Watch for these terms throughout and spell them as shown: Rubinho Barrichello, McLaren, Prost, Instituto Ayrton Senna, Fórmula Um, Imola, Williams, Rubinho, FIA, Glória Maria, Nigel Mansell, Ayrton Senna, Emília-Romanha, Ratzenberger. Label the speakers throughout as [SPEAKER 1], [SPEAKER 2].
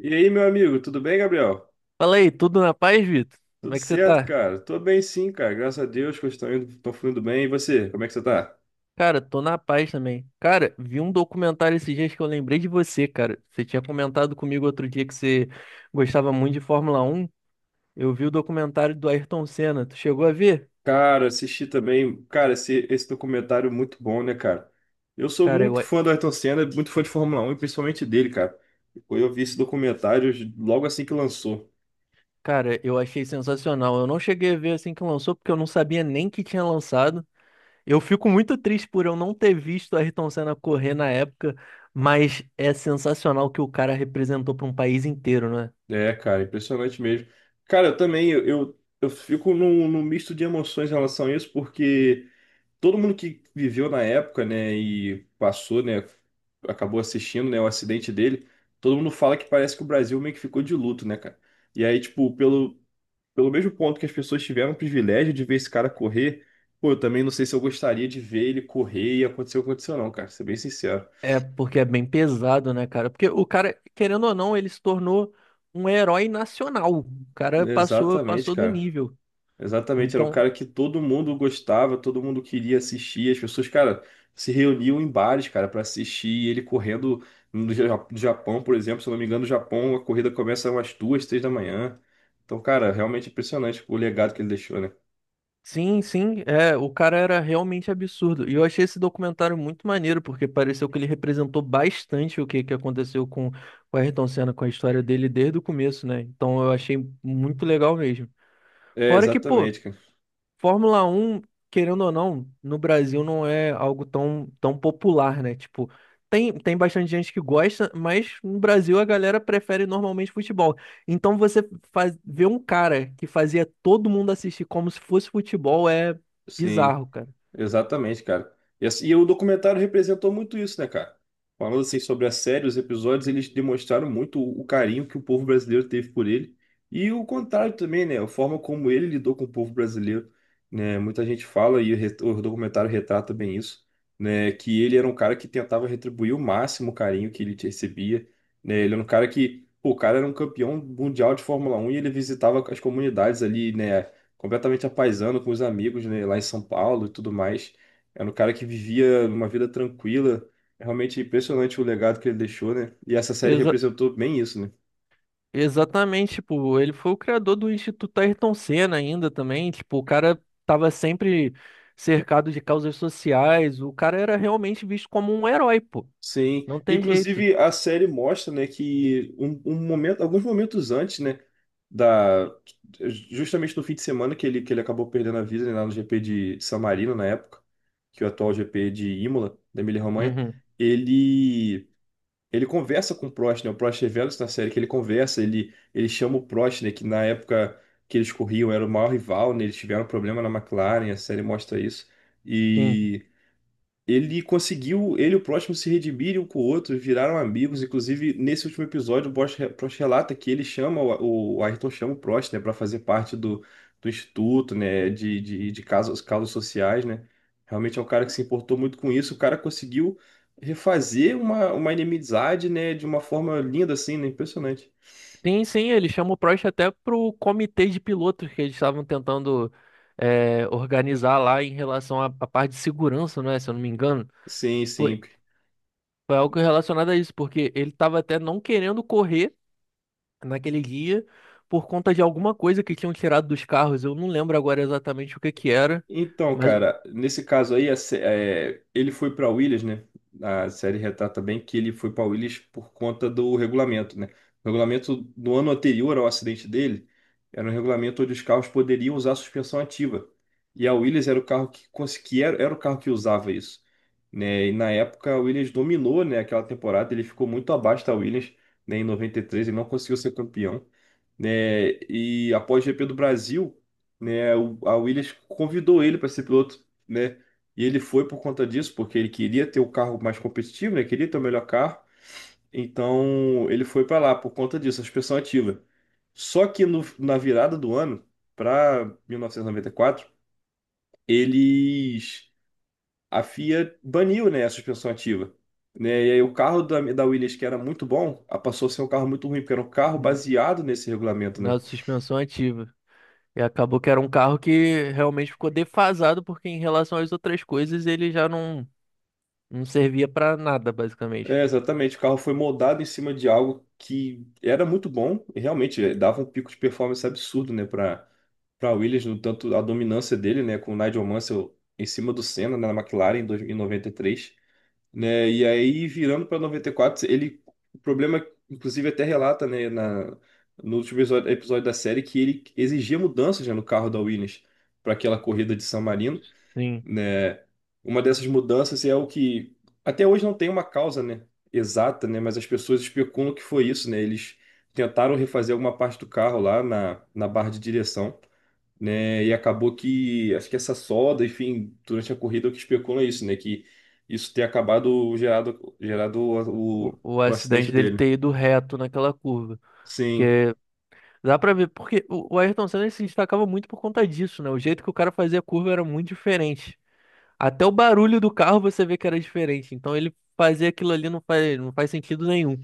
[SPEAKER 1] E aí, meu amigo, tudo bem, Gabriel?
[SPEAKER 2] Fala aí, tudo na paz, Vitor? Como
[SPEAKER 1] Tudo
[SPEAKER 2] é que você
[SPEAKER 1] certo,
[SPEAKER 2] tá?
[SPEAKER 1] cara? Tô bem sim, cara. Graças a Deus que eu estou indo, tô fluindo bem. E você, como é que você tá?
[SPEAKER 2] Cara, tô na paz também. Cara, vi um documentário esses dias que eu lembrei de você, cara. Você tinha comentado comigo outro dia que você gostava muito de Fórmula Um. Eu vi o documentário do Ayrton Senna. Tu chegou a ver?
[SPEAKER 1] Cara, assisti também, cara, esse documentário é muito bom, né, cara? Eu sou
[SPEAKER 2] Cara,
[SPEAKER 1] muito fã do Ayrton Senna, muito fã de Fórmula 1, e principalmente dele, cara. Eu vi esse documentário logo assim que lançou.
[SPEAKER 2] cara, eu achei sensacional. Eu não cheguei a ver assim que lançou, porque eu não sabia nem que tinha lançado. Eu fico muito triste por eu não ter visto o Ayrton Senna correr na época, mas é sensacional o que o cara representou para um país inteiro, né?
[SPEAKER 1] É, cara, impressionante mesmo. Cara, eu também, eu fico num misto de emoções em relação a isso, porque todo mundo que viveu na época, né, e passou, né, acabou assistindo, né, o acidente dele. Todo mundo fala que parece que o Brasil meio que ficou de luto, né, cara? E aí, tipo, pelo mesmo ponto que as pessoas tiveram o privilégio de ver esse cara correr, pô, eu também não sei se eu gostaria de ver ele correr e acontecer o que aconteceu, não, cara, ser bem sincero.
[SPEAKER 2] É porque é bem pesado, né, cara? Porque o cara, querendo ou não, ele se tornou um herói nacional. O cara passou,
[SPEAKER 1] Exatamente,
[SPEAKER 2] passou do
[SPEAKER 1] cara.
[SPEAKER 2] nível.
[SPEAKER 1] Exatamente, era um
[SPEAKER 2] Então,
[SPEAKER 1] cara que todo mundo gostava, todo mundo queria assistir. As pessoas, cara, se reuniam em bares, cara, para assistir. E ele correndo no Japão, por exemplo, se eu não me engano, no Japão a corrida começa umas duas, três da manhã. Então, cara, realmente impressionante o legado que ele deixou, né?
[SPEAKER 2] sim, sim, é, o cara era realmente absurdo. E eu achei esse documentário muito maneiro, porque pareceu que ele representou bastante o que aconteceu com o Ayrton Senna, com a história dele desde o começo, né? Então eu achei muito legal mesmo.
[SPEAKER 1] É,
[SPEAKER 2] Fora que, pô,
[SPEAKER 1] exatamente, cara.
[SPEAKER 2] Fórmula um querendo ou não, no Brasil não é algo tão popular, né? Tipo, tem bastante gente que gosta, mas no Brasil a galera prefere normalmente futebol. Então você faz, ver um cara que fazia todo mundo assistir como se fosse futebol é
[SPEAKER 1] Sim.
[SPEAKER 2] bizarro, cara.
[SPEAKER 1] Exatamente, cara. E o documentário representou muito isso, né, cara? Falando assim sobre a série, os episódios, eles demonstraram muito o carinho que o povo brasileiro teve por ele. E o contrário também, né? A forma como ele lidou com o povo brasileiro, né? Muita gente fala, e o documentário retrata bem isso, né? Que ele era um cara que tentava retribuir o máximo o carinho que ele recebia, né? Ele era um cara que, pô, o cara era um campeão mundial de Fórmula 1 e ele visitava as comunidades ali, né? Completamente apaisando com os amigos, né, lá em São Paulo e tudo mais. Era um cara que vivia uma vida tranquila. É realmente impressionante o legado que ele deixou, né? E essa série
[SPEAKER 2] Exa-
[SPEAKER 1] representou bem isso, né?
[SPEAKER 2] exatamente, tipo, ele foi o criador do Instituto Ayrton Senna ainda também, tipo, o cara tava sempre cercado de causas sociais, o cara era realmente visto como um herói, pô.
[SPEAKER 1] Sim.
[SPEAKER 2] Não tem jeito.
[SPEAKER 1] Inclusive, a série mostra, né, que um momento, alguns momentos antes, né, da justamente no fim de semana que ele acabou perdendo a vida, né, lá no GP de San Marino na época, que é o atual GP de Imola, da Emília-Romanha.
[SPEAKER 2] Uhum.
[SPEAKER 1] ele Ele conversa com o Prost, né? O Prost revela isso na série, que ele conversa, ele chama o Prost, né? Que na época que eles corriam era o maior rival, né? Eles tiveram problema na McLaren, a série mostra isso.
[SPEAKER 2] Sim.
[SPEAKER 1] E ele conseguiu, ele e o próximo se redimirem um com o outro, viraram amigos. Inclusive, nesse último episódio, Prost relata que ele chama, o Ayrton chama o Prost, né, para fazer parte do instituto, né, de casos sociais, né. Realmente é um cara que se importou muito com isso. O cara conseguiu refazer uma inimizade, né, de uma forma linda, assim, né, impressionante.
[SPEAKER 2] Sim, sim, ele chama o Prost até pro comitê de pilotos que eles estavam tentando é, organizar lá em relação à parte de segurança, não é? Se eu não me engano.
[SPEAKER 1] Sim,
[SPEAKER 2] Foi,
[SPEAKER 1] sim.
[SPEAKER 2] foi algo relacionado a isso, porque ele estava até não querendo correr naquele dia por conta de alguma coisa que tinham tirado dos carros. Eu não lembro agora exatamente o que que era,
[SPEAKER 1] Então,
[SPEAKER 2] mas
[SPEAKER 1] cara, nesse caso aí, é, ele foi para Williams, né? A série retrata bem que ele foi para Williams por conta do regulamento, né? O regulamento no ano anterior ao acidente dele era um regulamento onde os carros poderiam usar suspensão ativa. E a Williams era o carro que conseguia, era o carro que usava isso, né? E na época a Williams dominou, né, aquela temporada, ele ficou muito abaixo da Williams, né, em 93 ele não conseguiu ser campeão, né? E após o GP do Brasil, né? A Williams convidou ele para ser piloto, né? E ele foi por conta disso, porque ele queria ter o carro mais competitivo, né? Queria ter o melhor carro. Então ele foi para lá por conta disso, a suspensão ativa. Só que na virada do ano, para 1994, eles a FIA baniu, né, a suspensão ativa. Né? E aí o carro da Williams, que era muito bom, passou a ser um carro muito ruim, porque era um carro
[SPEAKER 2] hum,
[SPEAKER 1] baseado nesse regulamento, né?
[SPEAKER 2] na suspensão ativa. E acabou que era um carro que realmente ficou defasado, porque em relação às outras coisas ele já não servia para nada, basicamente.
[SPEAKER 1] É, exatamente. O carro foi moldado em cima de algo que era muito bom e realmente dava um pico de performance absurdo, né, para Williams, no tanto a dominância dele, né, com o Nigel Mansell em cima do Senna, né, na McLaren em 93, né? E aí virando para 94, ele o problema inclusive até relata, né, na no último episódio, episódio da série que ele exigia mudanças, né, no carro da Williams para aquela corrida de San Marino,
[SPEAKER 2] Sim,
[SPEAKER 1] né? Uma dessas mudanças é o que até hoje não tem uma causa, né, exata, né, mas as pessoas especulam que foi isso, né? Eles tentaram refazer alguma parte do carro lá na barra de direção, né? E acabou que acho que essa solda, enfim, durante a corrida é o que especula é isso, né, que isso ter acabado gerado
[SPEAKER 2] o, o
[SPEAKER 1] o
[SPEAKER 2] acidente
[SPEAKER 1] acidente
[SPEAKER 2] dele
[SPEAKER 1] dele.
[SPEAKER 2] ter ido reto naquela curva.
[SPEAKER 1] Sim.
[SPEAKER 2] Porque dá pra ver, porque o Ayrton Senna ele se destacava muito por conta disso, né? O jeito que o cara fazia a curva era muito diferente. Até o barulho do carro você vê que era diferente. Então ele fazer aquilo ali não faz sentido nenhum.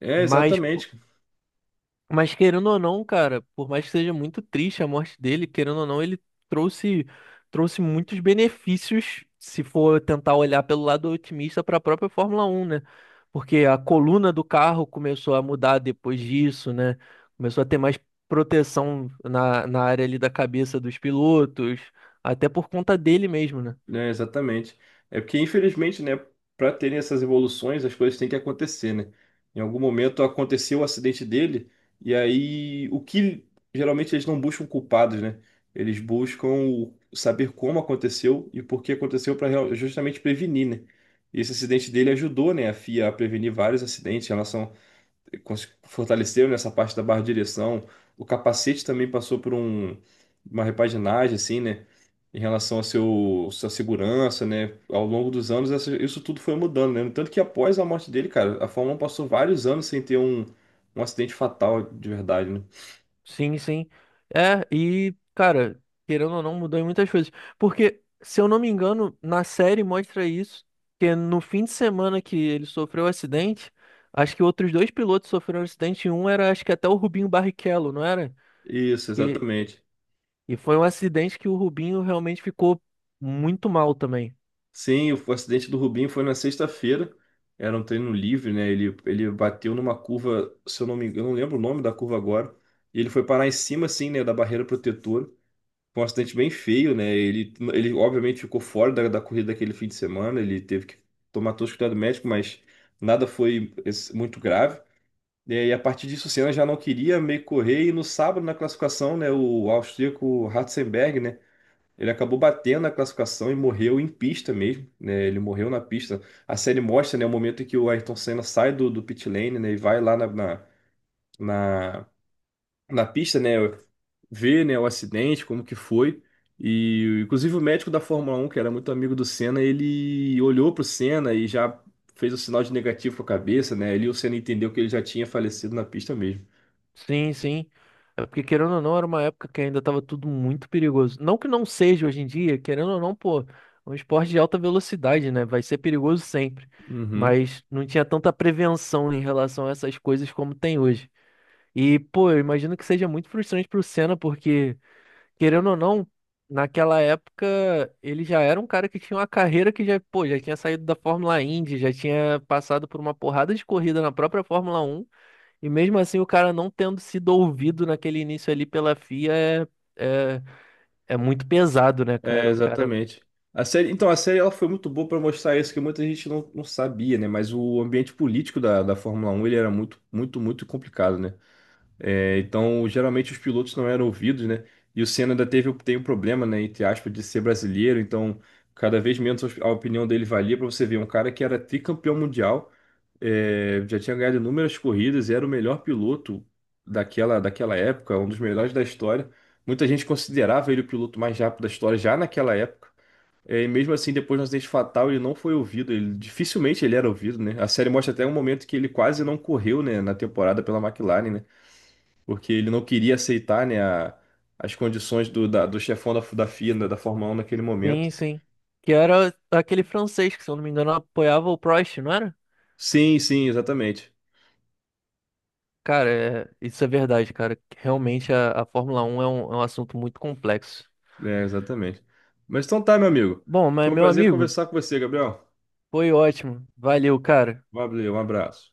[SPEAKER 1] É,
[SPEAKER 2] Mas
[SPEAKER 1] exatamente,
[SPEAKER 2] Mas querendo ou não, cara, por mais que seja muito triste a morte dele, querendo ou não, ele trouxe trouxe muitos benefícios, se for tentar olhar pelo lado otimista para a própria Fórmula Um, né? Porque a coluna do carro começou a mudar depois disso, né? Começou a ter mais proteção na área ali da cabeça dos pilotos, até por conta dele mesmo, né?
[SPEAKER 1] né? Exatamente. É porque, infelizmente, né, para terem essas evoluções, as coisas têm que acontecer, né? Em algum momento aconteceu o acidente dele, e aí o que geralmente eles não buscam culpados, né? Eles buscam saber como aconteceu e por que aconteceu para justamente prevenir, né? E esse acidente dele ajudou, né, a FIA a prevenir vários acidentes em relação fortaleceram nessa parte da barra de direção. O capacete também passou por uma repaginagem, assim, né? Em relação a sua segurança, né? Ao longo dos anos, isso tudo foi mudando, né? Tanto que após a morte dele, cara, a Fórmula 1 passou vários anos sem ter um acidente fatal de verdade, né?
[SPEAKER 2] Sim, sim. É, e, cara, querendo ou não, mudou em muitas coisas. Porque, se eu não me engano, na série mostra isso, que é no fim de semana que ele sofreu o acidente, acho que outros dois pilotos sofreram um acidente, e um era, acho que até o Rubinho Barrichello, não era?
[SPEAKER 1] Isso,
[SPEAKER 2] Que,
[SPEAKER 1] exatamente.
[SPEAKER 2] e foi um acidente que o Rubinho realmente ficou muito mal também.
[SPEAKER 1] Sim, o acidente do Rubinho foi na sexta-feira. Era um treino livre, né? Ele bateu numa curva, se eu não me engano, eu não lembro o nome da curva agora. E ele foi parar em cima, assim, né, da barreira protetora. Foi um acidente bem feio, né? Ele obviamente ficou fora da corrida daquele fim de semana, ele teve que tomar todo o cuidado médico, mas nada foi muito grave. É, e a partir disso, o Senna já não queria meio correr, e no sábado, na classificação, né, o austríaco Ratzenberger, né, ele acabou batendo na classificação e morreu em pista mesmo, né, ele morreu na pista. A série mostra, né, o momento em que o Ayrton Senna sai do pit lane, né, e vai lá na- na pista, né, ver, né, o acidente, como que foi. E inclusive o médico da Fórmula 1, que era muito amigo do Senna, ele olhou pro Senna e já fez o sinal de negativo com a cabeça, né? Ali o Senna entendeu que ele já tinha falecido na pista mesmo.
[SPEAKER 2] Sim, sim. É porque, querendo ou não, era uma época que ainda estava tudo muito perigoso. Não que não seja hoje em dia, querendo ou não, pô, é um esporte de alta velocidade, né? Vai ser perigoso sempre.
[SPEAKER 1] Uhum.
[SPEAKER 2] Mas não tinha tanta prevenção em relação a essas coisas como tem hoje. E, pô, eu imagino que seja muito frustrante pro Senna, porque, querendo ou não, naquela época ele já era um cara que tinha uma carreira que já, pô, já tinha saído da Fórmula Indy, já tinha passado por uma porrada de corrida na própria Fórmula Um e mesmo assim, o cara não tendo sido ouvido naquele início ali pela FIA é, é, é muito pesado, né,
[SPEAKER 1] É,
[SPEAKER 2] cara? O cara.
[SPEAKER 1] exatamente. A série, então, a série ela foi muito boa para mostrar isso que muita gente não sabia, né? Mas o ambiente político da Fórmula 1, ele era muito complicado, né? É, então, geralmente os pilotos não eram ouvidos, né? E o Senna ainda teve, tem um problema, né, entre aspas, de ser brasileiro, então cada vez menos a opinião dele valia para você ver um cara que era tricampeão mundial, é, já tinha ganhado inúmeras corridas, era o melhor piloto daquela época, um dos melhores da história. Muita gente considerava ele o piloto mais rápido da história já naquela época. É, e mesmo assim, depois do acidente fatal, ele não foi ouvido. Ele, dificilmente ele era ouvido, né? A série mostra até um momento que ele quase não correu, né, na temporada pela McLaren, né? Porque ele não queria aceitar, né, as condições do chefão da FIA, da Fórmula 1 naquele momento.
[SPEAKER 2] Sim, sim. Que era aquele francês que, se eu não me engano, apoiava o Prost, não era?
[SPEAKER 1] Sim, sim, exatamente.
[SPEAKER 2] Cara, isso é verdade, cara. Realmente a Fórmula 1 é um assunto muito complexo.
[SPEAKER 1] É, exatamente. Mas então tá, meu amigo.
[SPEAKER 2] Bom, mas
[SPEAKER 1] Foi um
[SPEAKER 2] meu
[SPEAKER 1] prazer
[SPEAKER 2] amigo,
[SPEAKER 1] conversar com você, Gabriel.
[SPEAKER 2] foi ótimo. Valeu, cara.
[SPEAKER 1] Valeu, um abraço.